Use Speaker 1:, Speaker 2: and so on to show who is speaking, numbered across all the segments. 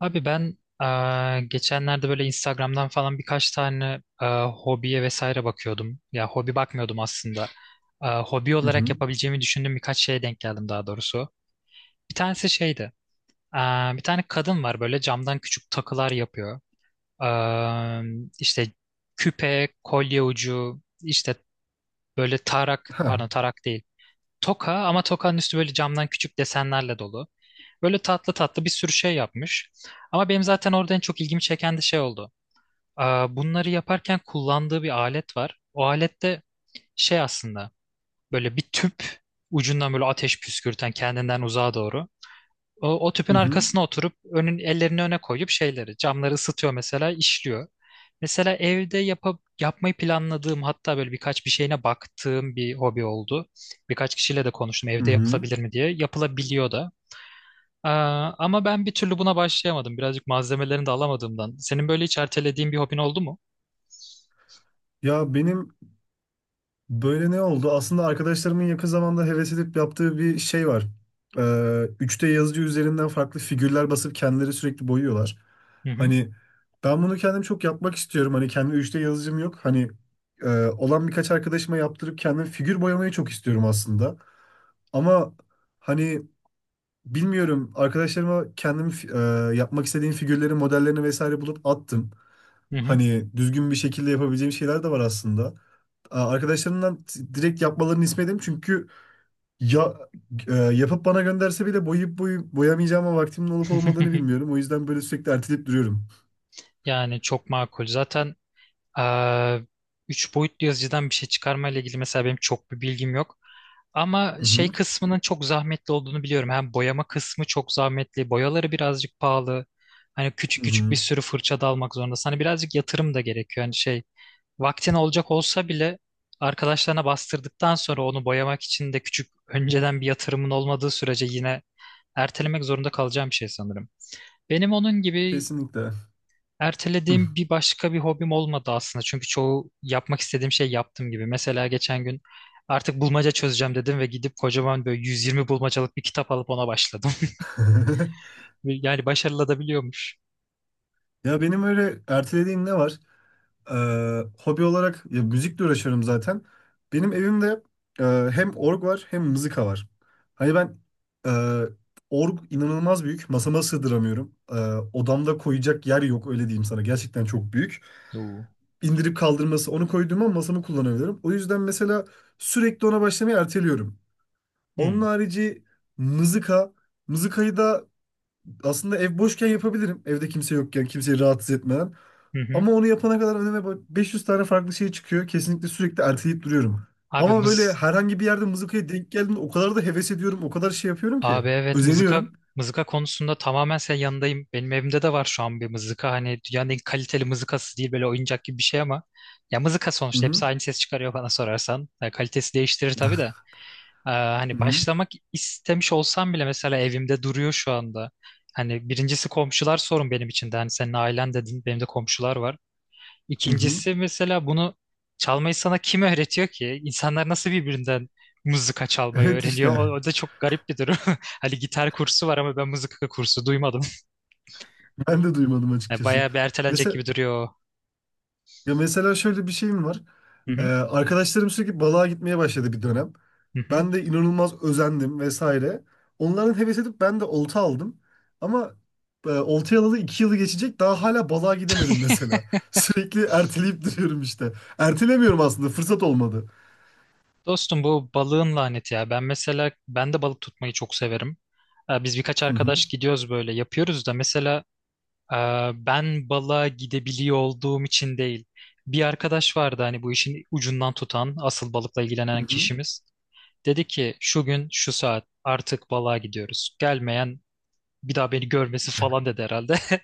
Speaker 1: Abi ben geçenlerde böyle Instagram'dan falan birkaç tane hobiye vesaire bakıyordum. Ya hobi bakmıyordum aslında. Hobi
Speaker 2: Hı
Speaker 1: olarak
Speaker 2: hı.
Speaker 1: yapabileceğimi düşündüğüm birkaç şeye denk geldim daha doğrusu. Bir tanesi şeydi. Bir tane kadın var böyle camdan küçük takılar yapıyor. Eee işte küpe, kolye ucu, işte böyle tarak,
Speaker 2: Ha.
Speaker 1: pardon tarak değil. Toka ama tokanın üstü böyle camdan küçük desenlerle dolu. Böyle tatlı tatlı bir sürü şey yapmış. Ama benim zaten orada en çok ilgimi çeken de şey oldu. Aa, bunları yaparken kullandığı bir alet var. O alette şey aslında böyle bir tüp ucundan böyle ateş püskürten kendinden uzağa doğru. O tüpün
Speaker 2: Hı hı.
Speaker 1: arkasına oturup önün ellerini öne koyup şeyleri camları ısıtıyor mesela işliyor. Mesela evde yapıp yapmayı planladığım hatta böyle birkaç bir şeyine baktığım bir hobi oldu. Birkaç kişiyle de konuştum
Speaker 2: Hı
Speaker 1: evde
Speaker 2: hı.
Speaker 1: yapılabilir mi diye. Yapılabiliyor da. Ee, Ama ben bir türlü buna başlayamadım. Birazcık malzemelerini de alamadığımdan. Senin böyle hiç ertelediğin bir hobin oldu mu?
Speaker 2: Ya benim böyle ne oldu? Aslında arkadaşlarımın yakın zamanda heves edip yaptığı bir şey var. 3D yazıcı üzerinden farklı figürler basıp kendileri sürekli boyuyorlar.
Speaker 1: Hı hı.
Speaker 2: Hani ben bunu kendim çok yapmak istiyorum. Hani kendi 3D yazıcım yok. Hani olan birkaç arkadaşıma yaptırıp kendim figür boyamayı çok istiyorum aslında. Ama hani, bilmiyorum. Arkadaşlarıma kendim yapmak istediğim figürlerin modellerini vesaire bulup attım.
Speaker 1: Hı hı.
Speaker 2: Hani düzgün bir şekilde yapabileceğim şeyler de var aslında. Arkadaşlarımdan direkt yapmalarını istemedim çünkü ya yapıp bana gönderse bile boyayıp boyamayacağıma vaktimin olup olmadığını bilmiyorum. O yüzden böyle sürekli erteleyip duruyorum.
Speaker 1: Yani çok makul. Zaten eee üç boyutlu yazıcıdan bir şey çıkarma ile ilgili mesela benim çok bir bilgim yok. Ama
Speaker 2: Hı
Speaker 1: şey
Speaker 2: hı.
Speaker 1: kısmının çok zahmetli olduğunu biliyorum. Hem boyama kısmı çok zahmetli, boyaları birazcık pahalı. Hani küçük
Speaker 2: Hı
Speaker 1: küçük bir
Speaker 2: hı.
Speaker 1: sürü fırça da almak zorundasın. Hani birazcık yatırım da gerekiyor. Hani şey vaktin olacak olsa bile arkadaşlarına bastırdıktan sonra onu boyamak için de küçük önceden bir yatırımın olmadığı sürece yine ertelemek zorunda kalacağım bir şey sanırım. Benim onun gibi
Speaker 2: Kesinlikle.
Speaker 1: ertelediğim bir başka bir hobim olmadı aslında. Çünkü çoğu yapmak istediğim şey yaptım gibi. Mesela geçen gün artık bulmaca çözeceğim dedim ve gidip kocaman böyle 120 bulmacalık bir kitap alıp ona başladım. Yani başarılı da biliyormuş.
Speaker 2: Ya benim öyle ertelediğim ne var? Hobi olarak ya, müzikle uğraşıyorum zaten. Benim evimde e, hem org var hem mızıka var. Hani e, org inanılmaz büyük. Masama sığdıramıyorum. Odamda koyacak yer yok, öyle diyeyim sana. Gerçekten çok büyük.
Speaker 1: Oo.
Speaker 2: İndirip kaldırması onu koyduğuma masamı kullanabilirim. O yüzden mesela sürekli ona başlamayı erteliyorum. Onun
Speaker 1: Hmm.
Speaker 2: harici mızıka. Mızıkayı da aslında ev boşken yapabilirim. Evde kimse yokken, kimseyi rahatsız etmeden.
Speaker 1: Hı hı.
Speaker 2: Ama onu yapana kadar önüme 500 tane farklı şey çıkıyor. Kesinlikle sürekli erteleyip duruyorum.
Speaker 1: Abi
Speaker 2: Ama böyle
Speaker 1: mız-
Speaker 2: herhangi bir yerde mızıkaya denk geldiğimde o kadar da heves ediyorum, o kadar şey yapıyorum ki.
Speaker 1: Abi evet, mızıka
Speaker 2: Özeniyorum.
Speaker 1: mızıka konusunda tamamen senin yanındayım. Benim evimde de var şu an bir mızıka. Hani dünyanın en kaliteli mızıkası değil böyle oyuncak gibi bir şey ama ya mızıka
Speaker 2: Hı
Speaker 1: sonuçta
Speaker 2: hı.
Speaker 1: hepsi aynı ses çıkarıyor bana sorarsan. Ya kalitesi değiştirir tabii de.
Speaker 2: Hı
Speaker 1: Hani
Speaker 2: hı.
Speaker 1: başlamak istemiş olsam bile mesela evimde duruyor şu anda. Hani birincisi komşular sorun benim için de. Hani senin ailen dedin benim de komşular var.
Speaker 2: Hı hı.
Speaker 1: İkincisi mesela bunu çalmayı sana kim öğretiyor ki? İnsanlar nasıl birbirinden mızıka çalmayı
Speaker 2: Evet
Speaker 1: öğreniyor? O,
Speaker 2: işte.
Speaker 1: o da çok garip bir durum. Hani gitar kursu var ama ben mızıka kursu duymadım.
Speaker 2: Ben de duymadım
Speaker 1: Yani
Speaker 2: açıkçası.
Speaker 1: bayağı bir ertelenecek
Speaker 2: Mesela
Speaker 1: gibi duruyor. O.
Speaker 2: Ya mesela şöyle bir şeyim var.
Speaker 1: Hı hı,
Speaker 2: Arkadaşlarım sürekli balığa gitmeye başladı bir dönem.
Speaker 1: hı hı.
Speaker 2: Ben de inanılmaz özendim vesaire. Onların heves edip ben de olta aldım. Ama oltayı alalı 2 yılı geçecek daha hala balığa gidemedim mesela. Sürekli erteleyip duruyorum işte. Ertelemiyorum aslında, fırsat olmadı.
Speaker 1: Dostum bu balığın laneti ya. Ben mesela ben de balık tutmayı çok severim. Biz birkaç
Speaker 2: Hı hı.
Speaker 1: arkadaş gidiyoruz böyle yapıyoruz da mesela e, ben balığa gidebiliyor olduğum için değil. Bir arkadaş vardı hani bu işin ucundan tutan asıl balıkla ilgilenen
Speaker 2: Hı hı.
Speaker 1: kişimiz. Dedi ki şu gün şu saat artık balığa gidiyoruz. Gelmeyen bir daha beni görmesi falan dedi herhalde.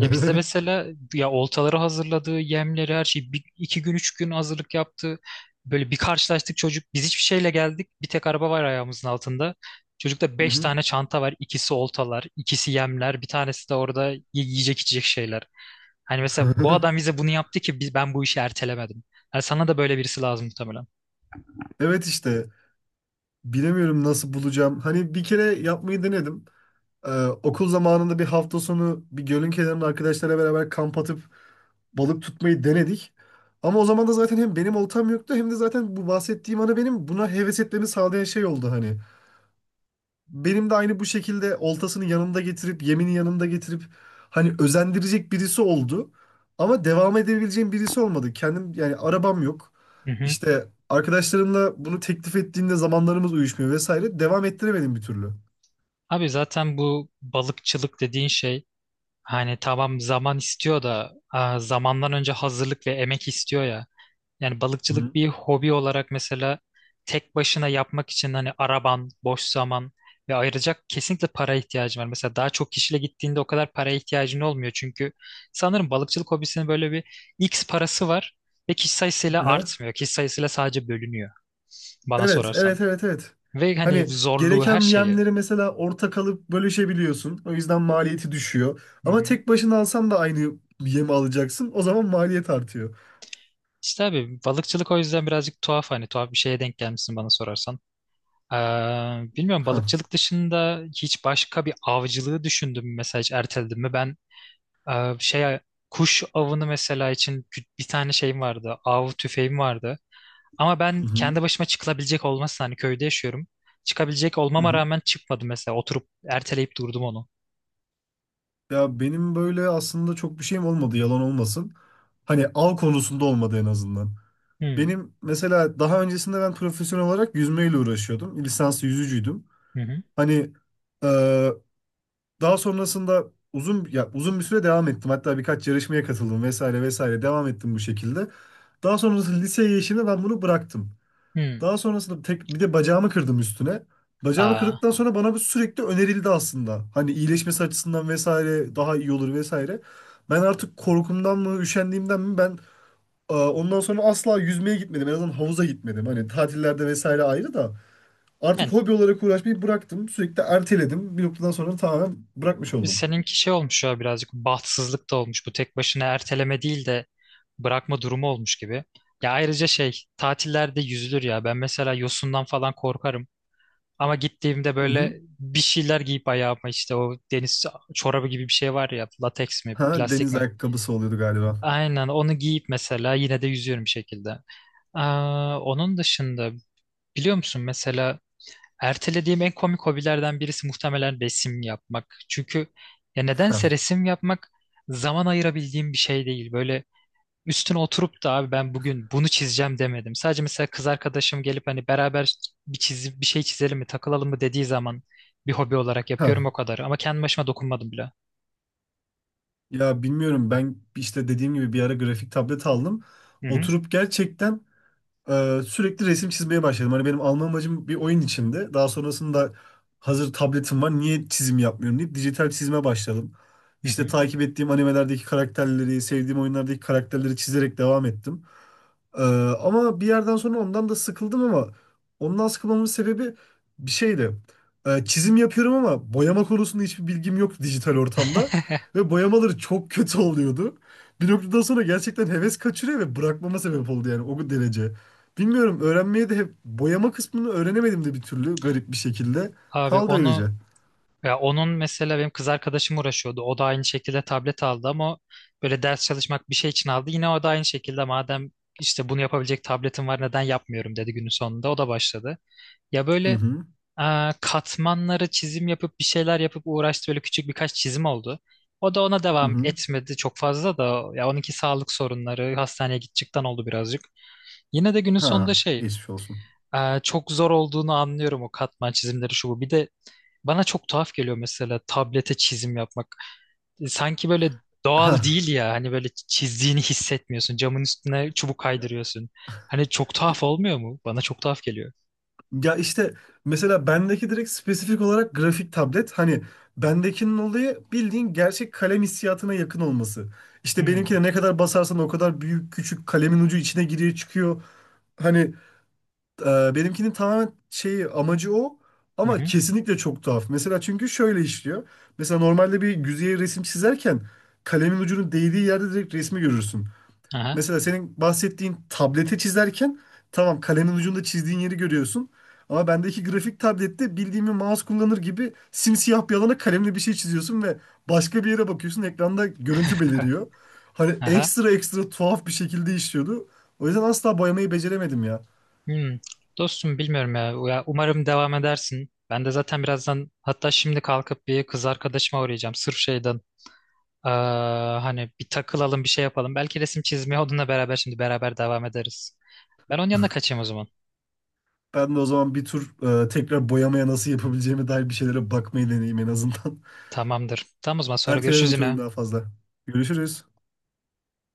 Speaker 1: Ya bizde mesela ya oltaları hazırladığı yemleri her şeyi bir, iki gün üç gün hazırlık yaptı. Böyle bir karşılaştık çocuk biz hiçbir şeyle geldik. Bir tek araba var ayağımızın altında. Çocukta
Speaker 2: Hı
Speaker 1: beş
Speaker 2: hı.
Speaker 1: tane çanta var. İkisi oltalar, ikisi yemler, bir tanesi de orada yiyecek içecek şeyler. Hani mesela bu adam bize bunu yaptı ki biz, ben bu işi ertelemedim. Yani sana da böyle birisi lazım muhtemelen.
Speaker 2: Evet işte, bilemiyorum nasıl bulacağım. Hani bir kere yapmayı denedim. Ee, Okul zamanında bir hafta sonu bir gölün kenarında arkadaşlara beraber kamp atıp balık tutmayı denedik. Ama o zaman da zaten hem benim oltam yoktu hem de zaten bu bahsettiğim ana benim buna heves etmemi sağlayan şey oldu hani. Benim de aynı bu şekilde oltasını yanında getirip yemini yanında getirip hani özendirecek birisi oldu. Ama devam edebileceğim birisi olmadı. Kendim yani, arabam yok. İşte arkadaşlarımla bunu teklif ettiğinde zamanlarımız uyuşmuyor vesaire. Devam ettiremedim bir türlü.
Speaker 1: Abi zaten bu balıkçılık dediğin şey hani tamam zaman istiyor da aa, zamandan önce hazırlık ve emek istiyor ya. Yani balıkçılık bir hobi olarak mesela tek başına yapmak için hani araban, boş zaman ve ayıracak kesinlikle para ihtiyacın var. Mesela daha çok kişiyle gittiğinde o kadar paraya ihtiyacın olmuyor. Çünkü sanırım balıkçılık hobisinin böyle bir X parası var ve kişi sayısıyla
Speaker 2: Hı.
Speaker 1: artmıyor. Kişi sayısıyla sadece bölünüyor bana
Speaker 2: Evet,
Speaker 1: sorarsan.
Speaker 2: evet, evet, evet.
Speaker 1: Ve hani
Speaker 2: Hani
Speaker 1: zorluğu her
Speaker 2: gereken
Speaker 1: şeyi.
Speaker 2: yemleri mesela ortak alıp bölüşebiliyorsun. O yüzden maliyeti düşüyor.
Speaker 1: Hı
Speaker 2: Ama
Speaker 1: hı.
Speaker 2: tek başına alsan da aynı yemi alacaksın. O zaman maliyet artıyor.
Speaker 1: İşte abi balıkçılık o yüzden birazcık tuhaf hani tuhaf bir şeye denk gelmişsin bana sorarsan. Ee, Bilmiyorum
Speaker 2: Ha.
Speaker 1: balıkçılık dışında hiç başka bir avcılığı düşündüm mü, mesela hiç erteledim mi? Ben şey kuş avını mesela için bir tane şeyim vardı av tüfeğim vardı. Ama ben
Speaker 2: Hı hı.
Speaker 1: kendi başıma çıkılabilecek olmasın hani köyde yaşıyorum. Çıkabilecek
Speaker 2: Hı
Speaker 1: olmama
Speaker 2: hı.
Speaker 1: rağmen çıkmadım mesela oturup erteleyip durdum onu.
Speaker 2: Ya benim böyle aslında çok bir şeyim olmadı, yalan olmasın. Hani av konusunda olmadı en azından.
Speaker 1: Hmm,
Speaker 2: Benim mesela daha öncesinde ben profesyonel olarak yüzmeyle uğraşıyordum. Lisanslı yüzücüydüm.
Speaker 1: hı hı.
Speaker 2: Hani daha sonrasında uzun ya uzun bir süre devam ettim. Hatta birkaç yarışmaya katıldım vesaire vesaire, devam ettim bu şekilde. Daha sonrasında liseye geçtiğimde ben bunu bıraktım.
Speaker 1: Hı.
Speaker 2: Daha sonrasında tek bir de bacağımı kırdım üstüne. Bacağımı
Speaker 1: Aa,
Speaker 2: kırdıktan sonra bana bu sürekli önerildi aslında. Hani iyileşmesi açısından vesaire daha iyi olur vesaire. Ben artık korkumdan mı, üşendiğimden mi, ondan sonra asla yüzmeye gitmedim. En azından havuza gitmedim. Hani tatillerde vesaire ayrı da artık
Speaker 1: yani
Speaker 2: hobi olarak uğraşmayı bıraktım. Sürekli erteledim. Bir noktadan sonra tamamen bırakmış oldum.
Speaker 1: seninki şey olmuş ya birazcık bahtsızlık da olmuş. Bu tek başına erteleme değil de bırakma durumu olmuş gibi. Ya ayrıca şey tatillerde yüzülür ya. Ben mesela yosundan falan korkarım. Ama gittiğimde
Speaker 2: Hı hı.
Speaker 1: böyle bir şeyler giyip ayağıma işte o deniz çorabı gibi bir şey var ya lateks mi
Speaker 2: Ha,
Speaker 1: plastik
Speaker 2: deniz
Speaker 1: mi?
Speaker 2: ayakkabısı oluyordu galiba.
Speaker 1: Aynen onu giyip mesela yine de yüzüyorum bir şekilde. Aa, onun dışında biliyor musun mesela ertelediğim en komik hobilerden birisi muhtemelen resim yapmak. Çünkü ya
Speaker 2: Ha,
Speaker 1: nedense resim yapmak zaman ayırabildiğim bir şey değil. Böyle üstüne oturup da abi ben bugün bunu çizeceğim demedim. Sadece mesela kız arkadaşım gelip hani beraber bir çizip bir şey çizelim mi, takılalım mı dediği zaman bir hobi olarak yapıyorum
Speaker 2: ha.
Speaker 1: o kadar. Ama kendi başıma dokunmadım bile.
Speaker 2: Ya bilmiyorum, ben işte dediğim gibi bir ara grafik tablet aldım.
Speaker 1: Hı hı.
Speaker 2: Oturup gerçekten sürekli resim çizmeye başladım. Hani benim alma amacım bir oyun içinde. Daha sonrasında hazır tabletim var, niye çizim yapmıyorum deyip dijital çizime başladım.
Speaker 1: Hı
Speaker 2: İşte
Speaker 1: hı.
Speaker 2: takip ettiğim animelerdeki karakterleri, sevdiğim oyunlardaki karakterleri çizerek devam ettim. Ee, Ama bir yerden sonra ondan da sıkıldım, ama ondan sıkılmamın sebebi bir şeydi. Çizim yapıyorum ama boyama konusunda hiçbir bilgim yok dijital ortamda. Ve boyamaları çok kötü oluyordu. Bir noktadan sonra gerçekten heves kaçırıyor ve bırakmama sebep oldu yani, o derece. Bilmiyorum, öğrenmeye de hep boyama kısmını öğrenemedim de bir türlü, garip bir şekilde.
Speaker 1: Abi
Speaker 2: Kaldı öylece.
Speaker 1: onu ya onun mesela benim kız arkadaşım uğraşıyordu. O da aynı şekilde tablet aldı ama böyle ders çalışmak bir şey için aldı. Yine o da aynı şekilde madem işte bunu yapabilecek tabletim var neden yapmıyorum dedi günün sonunda. O da başladı. Ya
Speaker 2: Hı
Speaker 1: böyle
Speaker 2: hı.
Speaker 1: aa, katmanları çizim yapıp bir şeyler yapıp uğraştı. Böyle küçük birkaç çizim oldu. O da ona
Speaker 2: Hı
Speaker 1: devam
Speaker 2: hı.
Speaker 1: etmedi çok fazla da ya onunki sağlık sorunları hastaneye gidecekten oldu birazcık. Yine de günün
Speaker 2: Ha,
Speaker 1: sonunda şey
Speaker 2: geçmiş olsun.
Speaker 1: aa, çok zor olduğunu anlıyorum o katman çizimleri şu bu. Bir de bana çok tuhaf geliyor mesela tablete çizim yapmak. Sanki böyle
Speaker 2: Ha.
Speaker 1: doğal değil ya. Hani böyle çizdiğini hissetmiyorsun. Camın üstüne çubuk kaydırıyorsun. Hani çok tuhaf olmuyor mu? Bana çok tuhaf geliyor.
Speaker 2: Ya işte mesela bendeki direkt spesifik olarak grafik tablet. Hani bendekinin olayı bildiğin gerçek kalem hissiyatına yakın olması. İşte
Speaker 1: Hmm.
Speaker 2: benimkine ne kadar basarsan o kadar büyük küçük kalemin ucu içine giriyor çıkıyor. Hani benimkinin tamamen şeyi amacı o,
Speaker 1: Hı
Speaker 2: ama
Speaker 1: hı.
Speaker 2: kesinlikle çok tuhaf. Mesela çünkü şöyle işliyor. Mesela normalde bir yüzeye resim çizerken kalemin ucunun değdiği yerde direkt resmi görürsün.
Speaker 1: Aha.
Speaker 2: Mesela senin bahsettiğin tablete çizerken tamam, kalemin ucunda çizdiğin yeri görüyorsun. Ama bendeki grafik tablette bildiğim bir mouse kullanır gibi simsiyah bir alana kalemle bir şey çiziyorsun ve başka bir yere bakıyorsun, ekranda görüntü beliriyor. Hani
Speaker 1: Aha.
Speaker 2: ekstra ekstra tuhaf bir şekilde işliyordu. O yüzden asla boyamayı beceremedim ya.
Speaker 1: Hmm. Dostum bilmiyorum ya. Ya umarım devam edersin. Ben de zaten birazdan hatta şimdi kalkıp bir kız arkadaşıma uğrayacağım. Sırf şeyden. Aa, hani bir takılalım bir şey yapalım. Belki resim çizmeye onunla beraber şimdi beraber devam ederiz. Ben onun yanına kaçayım o zaman.
Speaker 2: Ben de o zaman bir tur tekrar boyamaya nasıl yapabileceğime dair bir şeylere bakmayı deneyeyim en azından.
Speaker 1: Tamamdır. Tamam o zaman sonra görüşürüz
Speaker 2: Ertelememiş olayım
Speaker 1: yine.
Speaker 2: daha fazla. Görüşürüz.